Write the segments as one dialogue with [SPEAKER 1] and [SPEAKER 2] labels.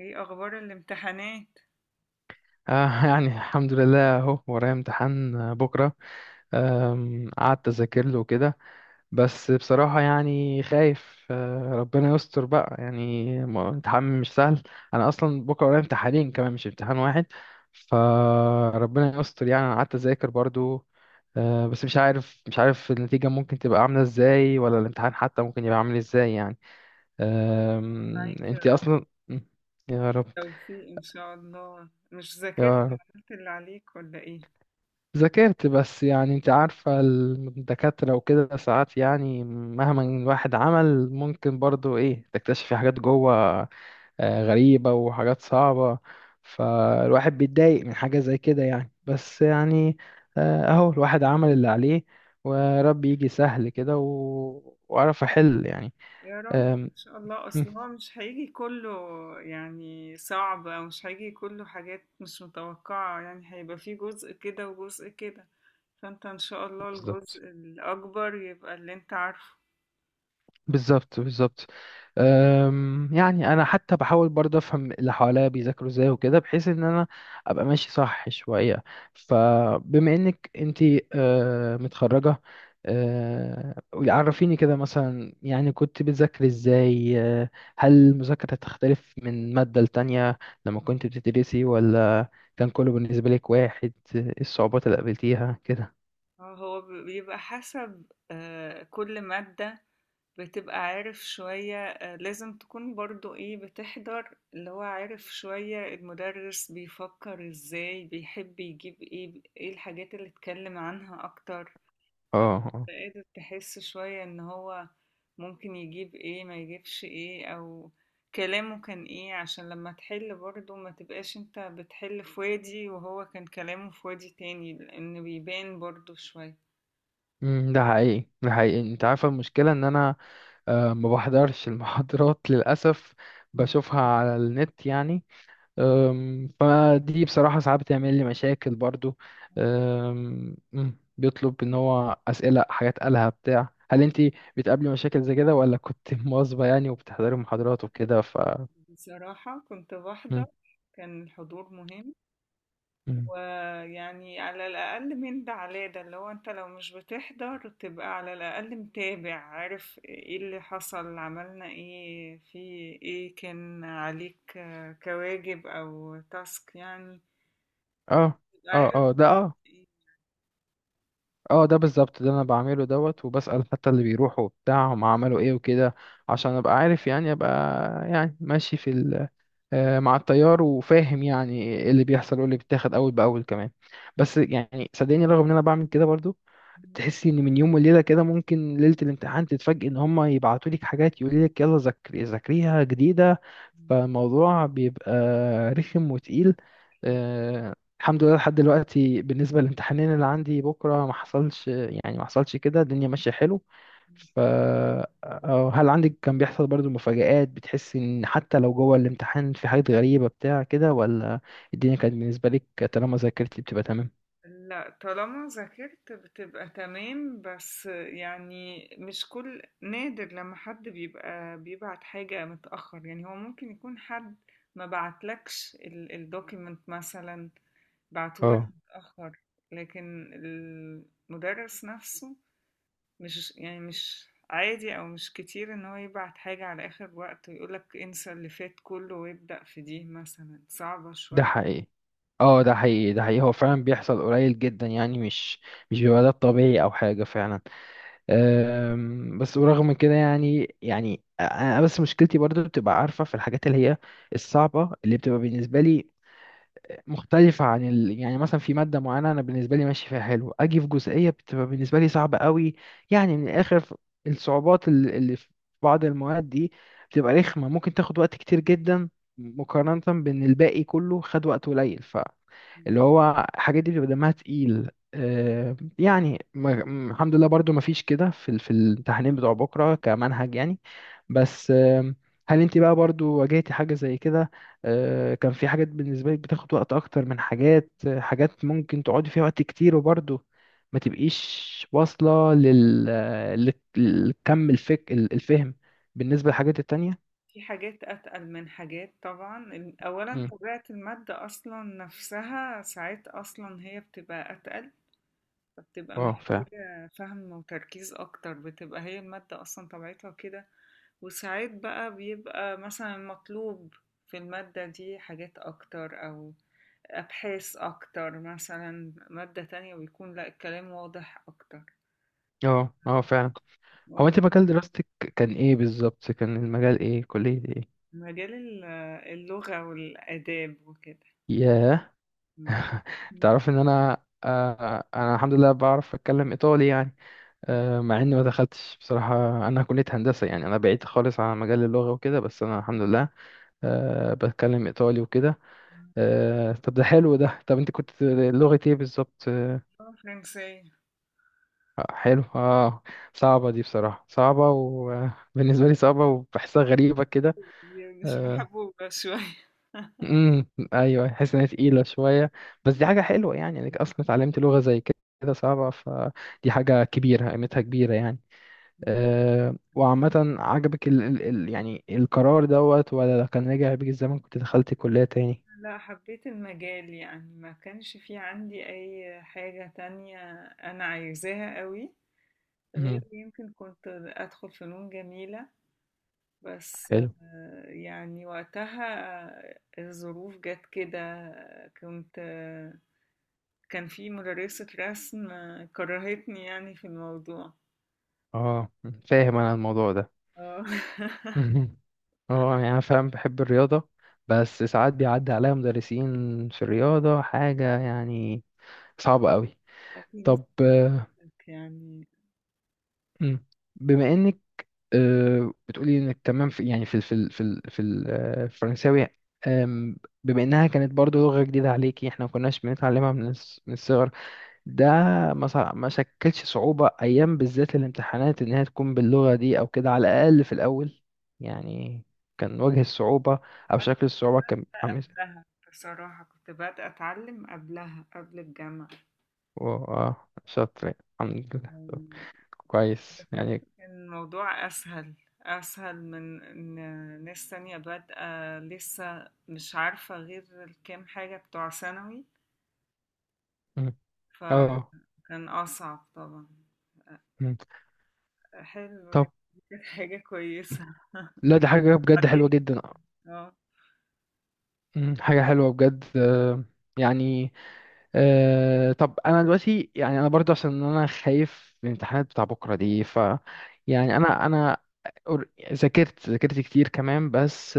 [SPEAKER 1] ايه اخبار الامتحانات؟
[SPEAKER 2] آه يعني الحمد لله اهو ورايا امتحان، بكرة. قعدت اذاكر له كده. بس بصراحة يعني خايف، ربنا يستر بقى يعني امتحان مش سهل. انا اصلا بكرة ورايا امتحانين كمان، مش امتحان واحد. فربنا يستر يعني، انا قعدت اذاكر برضو. بس مش عارف النتيجة ممكن تبقى عاملة ازاي، ولا الامتحان حتى ممكن يبقى عامل ازاي يعني.
[SPEAKER 1] معاك يا
[SPEAKER 2] انتي
[SPEAKER 1] رب
[SPEAKER 2] اصلا. يا رب.
[SPEAKER 1] توفيق ان شاء الله. مش
[SPEAKER 2] يا
[SPEAKER 1] ذاكرت
[SPEAKER 2] رب.
[SPEAKER 1] عملت اللي عليك ولا ايه؟
[SPEAKER 2] ذاكرت بس يعني، انت عارفة الدكاترة وكده، ساعات يعني مهما الواحد عمل ممكن برضو ايه تكتشفي حاجات جوه، غريبة وحاجات صعبة. فالواحد بيتضايق من حاجة زي كده يعني، بس يعني اهو الواحد عمل اللي عليه. وربي يجي سهل كده وعرف احل يعني.
[SPEAKER 1] يا رب
[SPEAKER 2] آم،
[SPEAKER 1] ان شاء الله.
[SPEAKER 2] مم.
[SPEAKER 1] اصل هو مش هيجي كله، يعني صعب او مش هيجي كله، حاجات مش متوقعة، يعني هيبقى فيه جزء كده وجزء كده. فانت ان شاء الله الجزء
[SPEAKER 2] بالظبط،
[SPEAKER 1] الاكبر يبقى اللي انت عارفه.
[SPEAKER 2] بالظبط، بالظبط. يعني انا حتى بحاول برضه افهم اللي حواليا بيذاكروا ازاي وكده، بحيث ان انا ابقى ماشي صح شويه. فبما انك انتي متخرجه، عرفيني كده مثلا يعني كنت بتذاكري ازاي. هل المذاكره تختلف من ماده لتانية لما كنت بتدرسي، ولا كان كله بالنسبه لك واحد؟ إيه الصعوبات اللي قابلتيها كده؟
[SPEAKER 1] هو بيبقى حسب، كل مادة بتبقى عارف شوية، لازم تكون برضو ايه، بتحضر اللي هو عارف شوية المدرس بيفكر ازاي، بيحب يجيب ايه الحاجات اللي اتكلم عنها اكتر.
[SPEAKER 2] اه، آه.
[SPEAKER 1] قادر تحس شوية ان هو ممكن يجيب ايه ما يجيبش ايه، او كلامه كان ايه، عشان لما تحل برضو ما تبقاش انت بتحل في وادي وهو كان كلامه في وادي تاني، لان بيبان برضو شوية.
[SPEAKER 2] ده حقيقي، ده حقيقي، انت عارفه المشكله ان انا ما بحضرش المحاضرات للأسف. بشوفها على النت يعني. فدي بصراحة ساعات بتعمل لي مشاكل برضو. بيطلب ان هو أسئلة حاجات قالها بتاع، هل انتي بتقابلي مشاكل زي كده، ولا كنت مواظبة يعني وبتحضري محاضرات وكده ف.
[SPEAKER 1] بصراحة كنت
[SPEAKER 2] مم،
[SPEAKER 1] بحضر، كان الحضور مهم.
[SPEAKER 2] مم.
[SPEAKER 1] ويعني على الأقل من ده على ده، اللي هو أنت لو مش بتحضر تبقى على الأقل متابع، عارف ايه اللي حصل، عملنا ايه في ايه، كان عليك كواجب أو تاسك يعني،
[SPEAKER 2] اه،
[SPEAKER 1] تبقى
[SPEAKER 2] اه،
[SPEAKER 1] عارف
[SPEAKER 2] اه ده اه.
[SPEAKER 1] ايه.
[SPEAKER 2] اه، ده بالظبط، ده انا بعمله دوت، وبسأل حتى اللي بيروحوا بتاع هم عملوا ايه وكده، عشان ابقى عارف يعني، يعني ماشي في، مع التيار وفاهم يعني ايه اللي بيحصل وايه اللي بيتاخد اول باول كمان. بس يعني صدقني، رغم ان انا بعمل كده برضو، تحسي ان من يوم وليله كده ممكن ليله الامتحان تتفاجئي ان هم يبعتوا لك حاجات يقولوا لك يلا ذاكري، ذاكريها جديده. فالموضوع بيبقى رخم وتقيل. آه، الحمد لله لحد دلوقتي بالنسبه للامتحانين اللي عندي بكره ما حصلش يعني، ما حصلش كده، الدنيا ماشيه حلو. ف، أو هل عندك كان بيحصل برضو مفاجآت بتحس ان حتى لو جوه الامتحان في حاجات غريبة بتاع كده، ولا الدنيا كانت بالنسبة لك طالما ذاكرتي بتبقى تمام؟
[SPEAKER 1] لا، طالما ذاكرت بتبقى تمام، بس يعني مش كل نادر لما حد بيبقى بيبعت حاجة متأخر، يعني هو ممكن يكون حد ما بعتلكش الدوكيمنت مثلا، بعتولك
[SPEAKER 2] اه،
[SPEAKER 1] متأخر. لكن المدرس نفسه، مش يعني مش عادي او مش كتير ان هو يبعت حاجة على اخر وقت ويقولك انسى اللي فات كله وابدأ في دي، مثلا صعبة
[SPEAKER 2] ده
[SPEAKER 1] شوية.
[SPEAKER 2] حقيقي. اه، ده حقيقي، ده حقيقي، هو فعلا بيحصل قليل جدا يعني، مش بيبقى ده الطبيعي او حاجة فعلا. بس ورغم كده يعني انا بس مشكلتي برضو بتبقى عارفة في الحاجات اللي هي الصعبة اللي بتبقى بالنسبة لي، مختلفة عن يعني مثلا، في مادة معينة أنا بالنسبة لي ماشي فيها حلو، أجي في جزئية بتبقى بالنسبة لي صعبة قوي. يعني من الآخر الصعوبات اللي في بعض المواد دي بتبقى رخمة، ممكن تاخد وقت كتير جدا مقارنة بإن الباقي كله خد وقت قليل. اللي هو الحاجات دي بيبقى دمها تقيل. يعني الحمد لله برضو ما فيش كده في في الامتحانين بتوع بكرة كمنهج يعني. بس هل انت بقى برضو واجهتي حاجة زي كده؟ كان في حاجات بالنسبة لك بتاخد وقت اكتر من حاجات، حاجات ممكن تقعدي فيها وقت كتير وبرضو ما تبقيش واصلة الفهم بالنسبة للحاجات التانية؟
[SPEAKER 1] في حاجات اتقل من حاجات طبعا، اولا
[SPEAKER 2] مم.
[SPEAKER 1] طبيعة المادة اصلا نفسها ساعات اصلا هي بتبقى اتقل، فبتبقى
[SPEAKER 2] اه، فعلا.
[SPEAKER 1] محتاجة فهم وتركيز أكتر، بتبقى هي المادة أصلا طبيعتها كده. وساعات بقى بيبقى مثلا مطلوب في المادة دي حاجات أكتر أو أبحاث أكتر، مثلا مادة تانية بيكون لأ الكلام واضح أكتر.
[SPEAKER 2] اه، اه، فعلا. هو
[SPEAKER 1] اه.
[SPEAKER 2] انت مجال دراستك كان ايه بالظبط؟ كان المجال ايه؟ كلية ايه؟
[SPEAKER 1] مجال اللغة والآداب وكده.
[SPEAKER 2] ياه.
[SPEAKER 1] م. م.
[SPEAKER 2] تعرف ان انا، الحمد لله بعرف اتكلم ايطالي يعني.
[SPEAKER 1] م.
[SPEAKER 2] مع اني ما دخلتش بصراحة. انا كلية هندسة يعني، انا بعيد خالص عن مجال اللغة وكده، بس انا الحمد لله بتكلم ايطالي وكده. طب ده حلو ده. طب انت كنت لغة ايه بالظبط؟
[SPEAKER 1] اللغة الفرنسية دي.
[SPEAKER 2] حلو، اه. صعبة دي بصراحة، صعبة وبالنسبة لي صعبة وبحسها غريبة كده.
[SPEAKER 1] مش
[SPEAKER 2] آه،
[SPEAKER 1] محبوبة شوية.
[SPEAKER 2] امم ايوه، حاسس ان هي تقيله شويه. بس دي حاجه حلوه يعني انك اصلا اتعلمت لغه زي كده صعبه، فدي حاجه كبيره قيمتها كبيره يعني.
[SPEAKER 1] م.
[SPEAKER 2] وعامه، عجبك ال ال ال يعني القرار دوت، ولا لو كان رجع بيك الزمن كنت دخلت كليه تاني؟
[SPEAKER 1] لا، حبيت المجال، يعني ما كانش في عندي أي حاجة تانية أنا عايزاها قوي، غير
[SPEAKER 2] امم
[SPEAKER 1] يمكن كنت أدخل فنون جميلة. بس
[SPEAKER 2] حلو،
[SPEAKER 1] يعني وقتها الظروف جت كده. كنت كان في مدرسة رسم كرهتني يعني في الموضوع.
[SPEAKER 2] اه. فاهم انا الموضوع ده.
[SPEAKER 1] اه.
[SPEAKER 2] مهم. اه يعني انا فاهم، بحب الرياضه، بس ساعات بيعدي عليا مدرسين في الرياضه حاجه يعني صعبه قوي.
[SPEAKER 1] وفي ناس
[SPEAKER 2] طب.
[SPEAKER 1] يعني.
[SPEAKER 2] مم. بما انك بتقولي انك تمام في، يعني، الفرنساوي، آم، بما انها كانت برضو لغة جديدة عليكي احنا ما كناش بنتعلمها من من الصغر، ده ما شكلش صعوبة ايام بالذات الامتحانات انها تكون باللغة دي او كده، على الاقل في الاول يعني؟ كان وجه الصعوبة او
[SPEAKER 1] بس
[SPEAKER 2] شكل
[SPEAKER 1] كنت
[SPEAKER 2] الصعوبة كان
[SPEAKER 1] بادئة
[SPEAKER 2] عامل ازاي؟
[SPEAKER 1] قبلها، بصراحة كنت بادئة أتعلم قبلها قبل الجامعة.
[SPEAKER 2] واو، اه، شاطر الحمد لله. طب
[SPEAKER 1] إمم، لمّا
[SPEAKER 2] كويس
[SPEAKER 1] ذاكرت
[SPEAKER 2] يعني.
[SPEAKER 1] كان الموضوع أسهل، أسهل من إن ناس تانية بادئة لسه مش عارفة غير الكام حاجة بتوع ثانوي،
[SPEAKER 2] مم. اه.
[SPEAKER 1] فكان أصعب طبعًا.
[SPEAKER 2] مم.
[SPEAKER 1] حلو،
[SPEAKER 2] طب،
[SPEAKER 1] يعني دي كانت حاجة كويسة.
[SPEAKER 2] لا دي حاجة بجد حلوة
[SPEAKER 1] بعدين
[SPEAKER 2] جدا.
[SPEAKER 1] آه،
[SPEAKER 2] مم، حاجة حلوة بجد. يعني طب أنا دلوقتي يعني، أنا برضو عشان أنا خايف من الامتحانات بتاع بكرة دي، ف يعني أنا ذاكرت كتير كمان. بس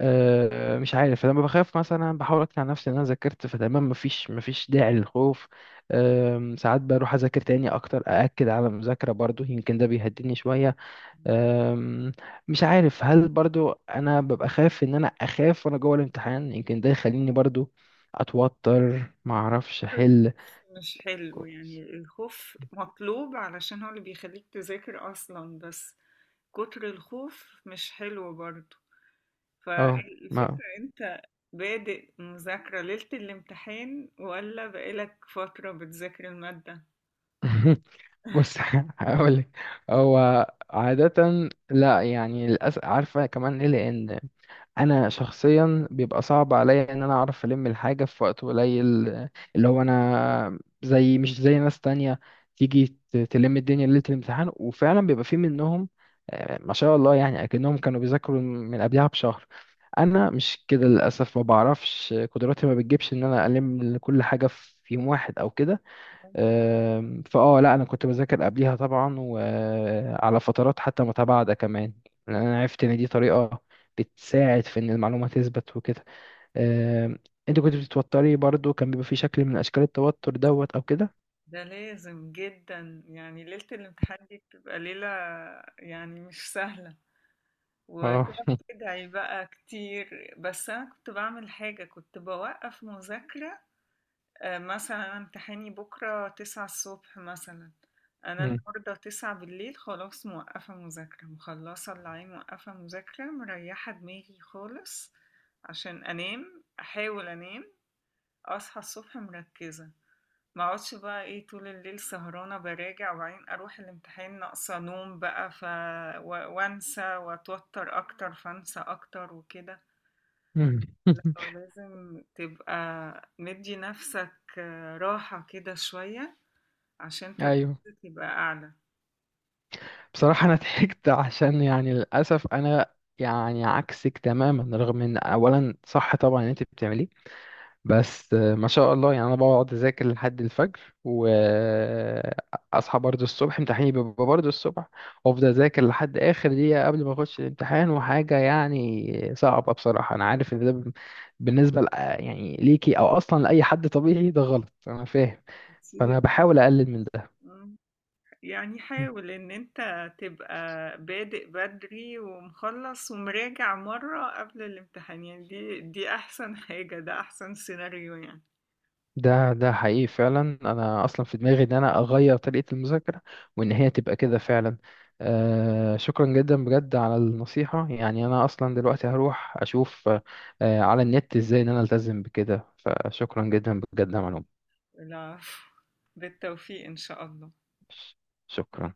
[SPEAKER 2] مش عارف، لما بخاف مثلا بحاول أقنع نفسي إن أنا ذاكرت فتمام، مفيش داعي للخوف. ساعات بروح أذاكر تاني أكتر، أأكد على المذاكرة برضو، يمكن ده بيهديني شوية. أم، مش عارف هل برضو انا ببقى خايف ان انا اخاف وانا جوه الامتحان، يمكن ده يخليني برضو اتوتر ما اعرفش احل.
[SPEAKER 1] مش حلو،
[SPEAKER 2] كو-
[SPEAKER 1] يعني الخوف مطلوب علشان هو اللي بيخلّيك تذاكر أصلًا، بس كتر الخوف مش حلو برضه.
[SPEAKER 2] اه، ما
[SPEAKER 1] فالفكرة، انت بادئ مذاكرة ليلة الامتحان ولا بقالك فترة بتذاكر المادة؟
[SPEAKER 2] بص هقولك. هو عادة لا يعني، للأسف عارفة كمان ليه، لأن انا شخصيا بيبقى صعب عليا ان انا اعرف الم الحاجه في وقت قليل. اللي هو انا، زي مش زي ناس تانية، تيجي تلم الدنيا ليله الامتحان وفعلا بيبقى في منهم ما شاء الله يعني، اكنهم كانوا بيذاكروا من قبلها بشهر. انا مش كده للاسف، ما بعرفش قدراتي ما بتجيبش ان انا الم كل حاجه في يوم واحد او كده. لا انا كنت بذاكر قبليها طبعا، وعلى فترات حتى متباعدة كمان، لان انا عرفت ان دي طريقة بتساعد في ان المعلومة تثبت وكده. آم، انت كنت بتتوتري برضو، كان بيبقى في شكل من اشكال التوتر دوت او كده؟
[SPEAKER 1] ده لازم جدا، يعني ليلة الامتحان دي بتبقى ليلة يعني مش سهلة.
[SPEAKER 2] اه.
[SPEAKER 1] وتقعد تدعي بقى كتير، بس أنا كنت بعمل حاجة، كنت بوقف مذاكرة. مثلا امتحاني بكرة 9 الصبح مثلا، أنا
[SPEAKER 2] مم.
[SPEAKER 1] النهاردة 9 بالليل خلاص موقفة مذاكرة، مخلصة اللي عليه، موقفة مذاكرة، مريحة دماغي خالص عشان أنام، أحاول أنام، أصحى الصبح مركزة. مقعدش بقى ايه طول الليل سهرانة براجع، وبعدين أروح الامتحان ناقصة نوم بقى، و... وأنسى وأتوتر أكتر، فأنسى أكتر وكده.
[SPEAKER 2] مم.
[SPEAKER 1] لازم تبقى مدي نفسك راحة كده شوية عشان تركيزك
[SPEAKER 2] ايوه.
[SPEAKER 1] يبقى أعلى
[SPEAKER 2] بصراحة انا ضحكت عشان، يعني للاسف انا يعني عكسك تماما، رغم ان اولا صح طبعا ان انت بتعمليه. بس ما شاء الله يعني، انا بقعد اذاكر لحد الفجر واصحى برضه الصبح، امتحاني بيبقى برضه الصبح، وافضل اذاكر لحد اخر دقيقه قبل ما اخش الامتحان، وحاجه يعني صعبه بصراحه، انا عارف ان ده بالنسبه يعني ليكي او اصلا لاي حد طبيعي، ده غلط، انا فاهم.
[SPEAKER 1] كتير.
[SPEAKER 2] فانا بحاول اقلل من ده.
[SPEAKER 1] مم. يعني حاول إن أنت تبقى بادئ بدري ومخلص ومراجع مرة قبل الامتحان، يعني دي أحسن حاجة، ده أحسن سيناريو يعني.
[SPEAKER 2] ده حقيقي فعلا، انا اصلا في دماغي ان انا اغير طريقة المذاكرة، وان هي تبقى كده فعلا. شكرا جدا بجد على النصيحة، يعني انا اصلا دلوقتي هروح اشوف على النت ازاي ان انا التزم بكده، فشكرا جدا بجد يا معلوم.
[SPEAKER 1] العفو. بالتوفيق إن شاء الله.
[SPEAKER 2] شكرا.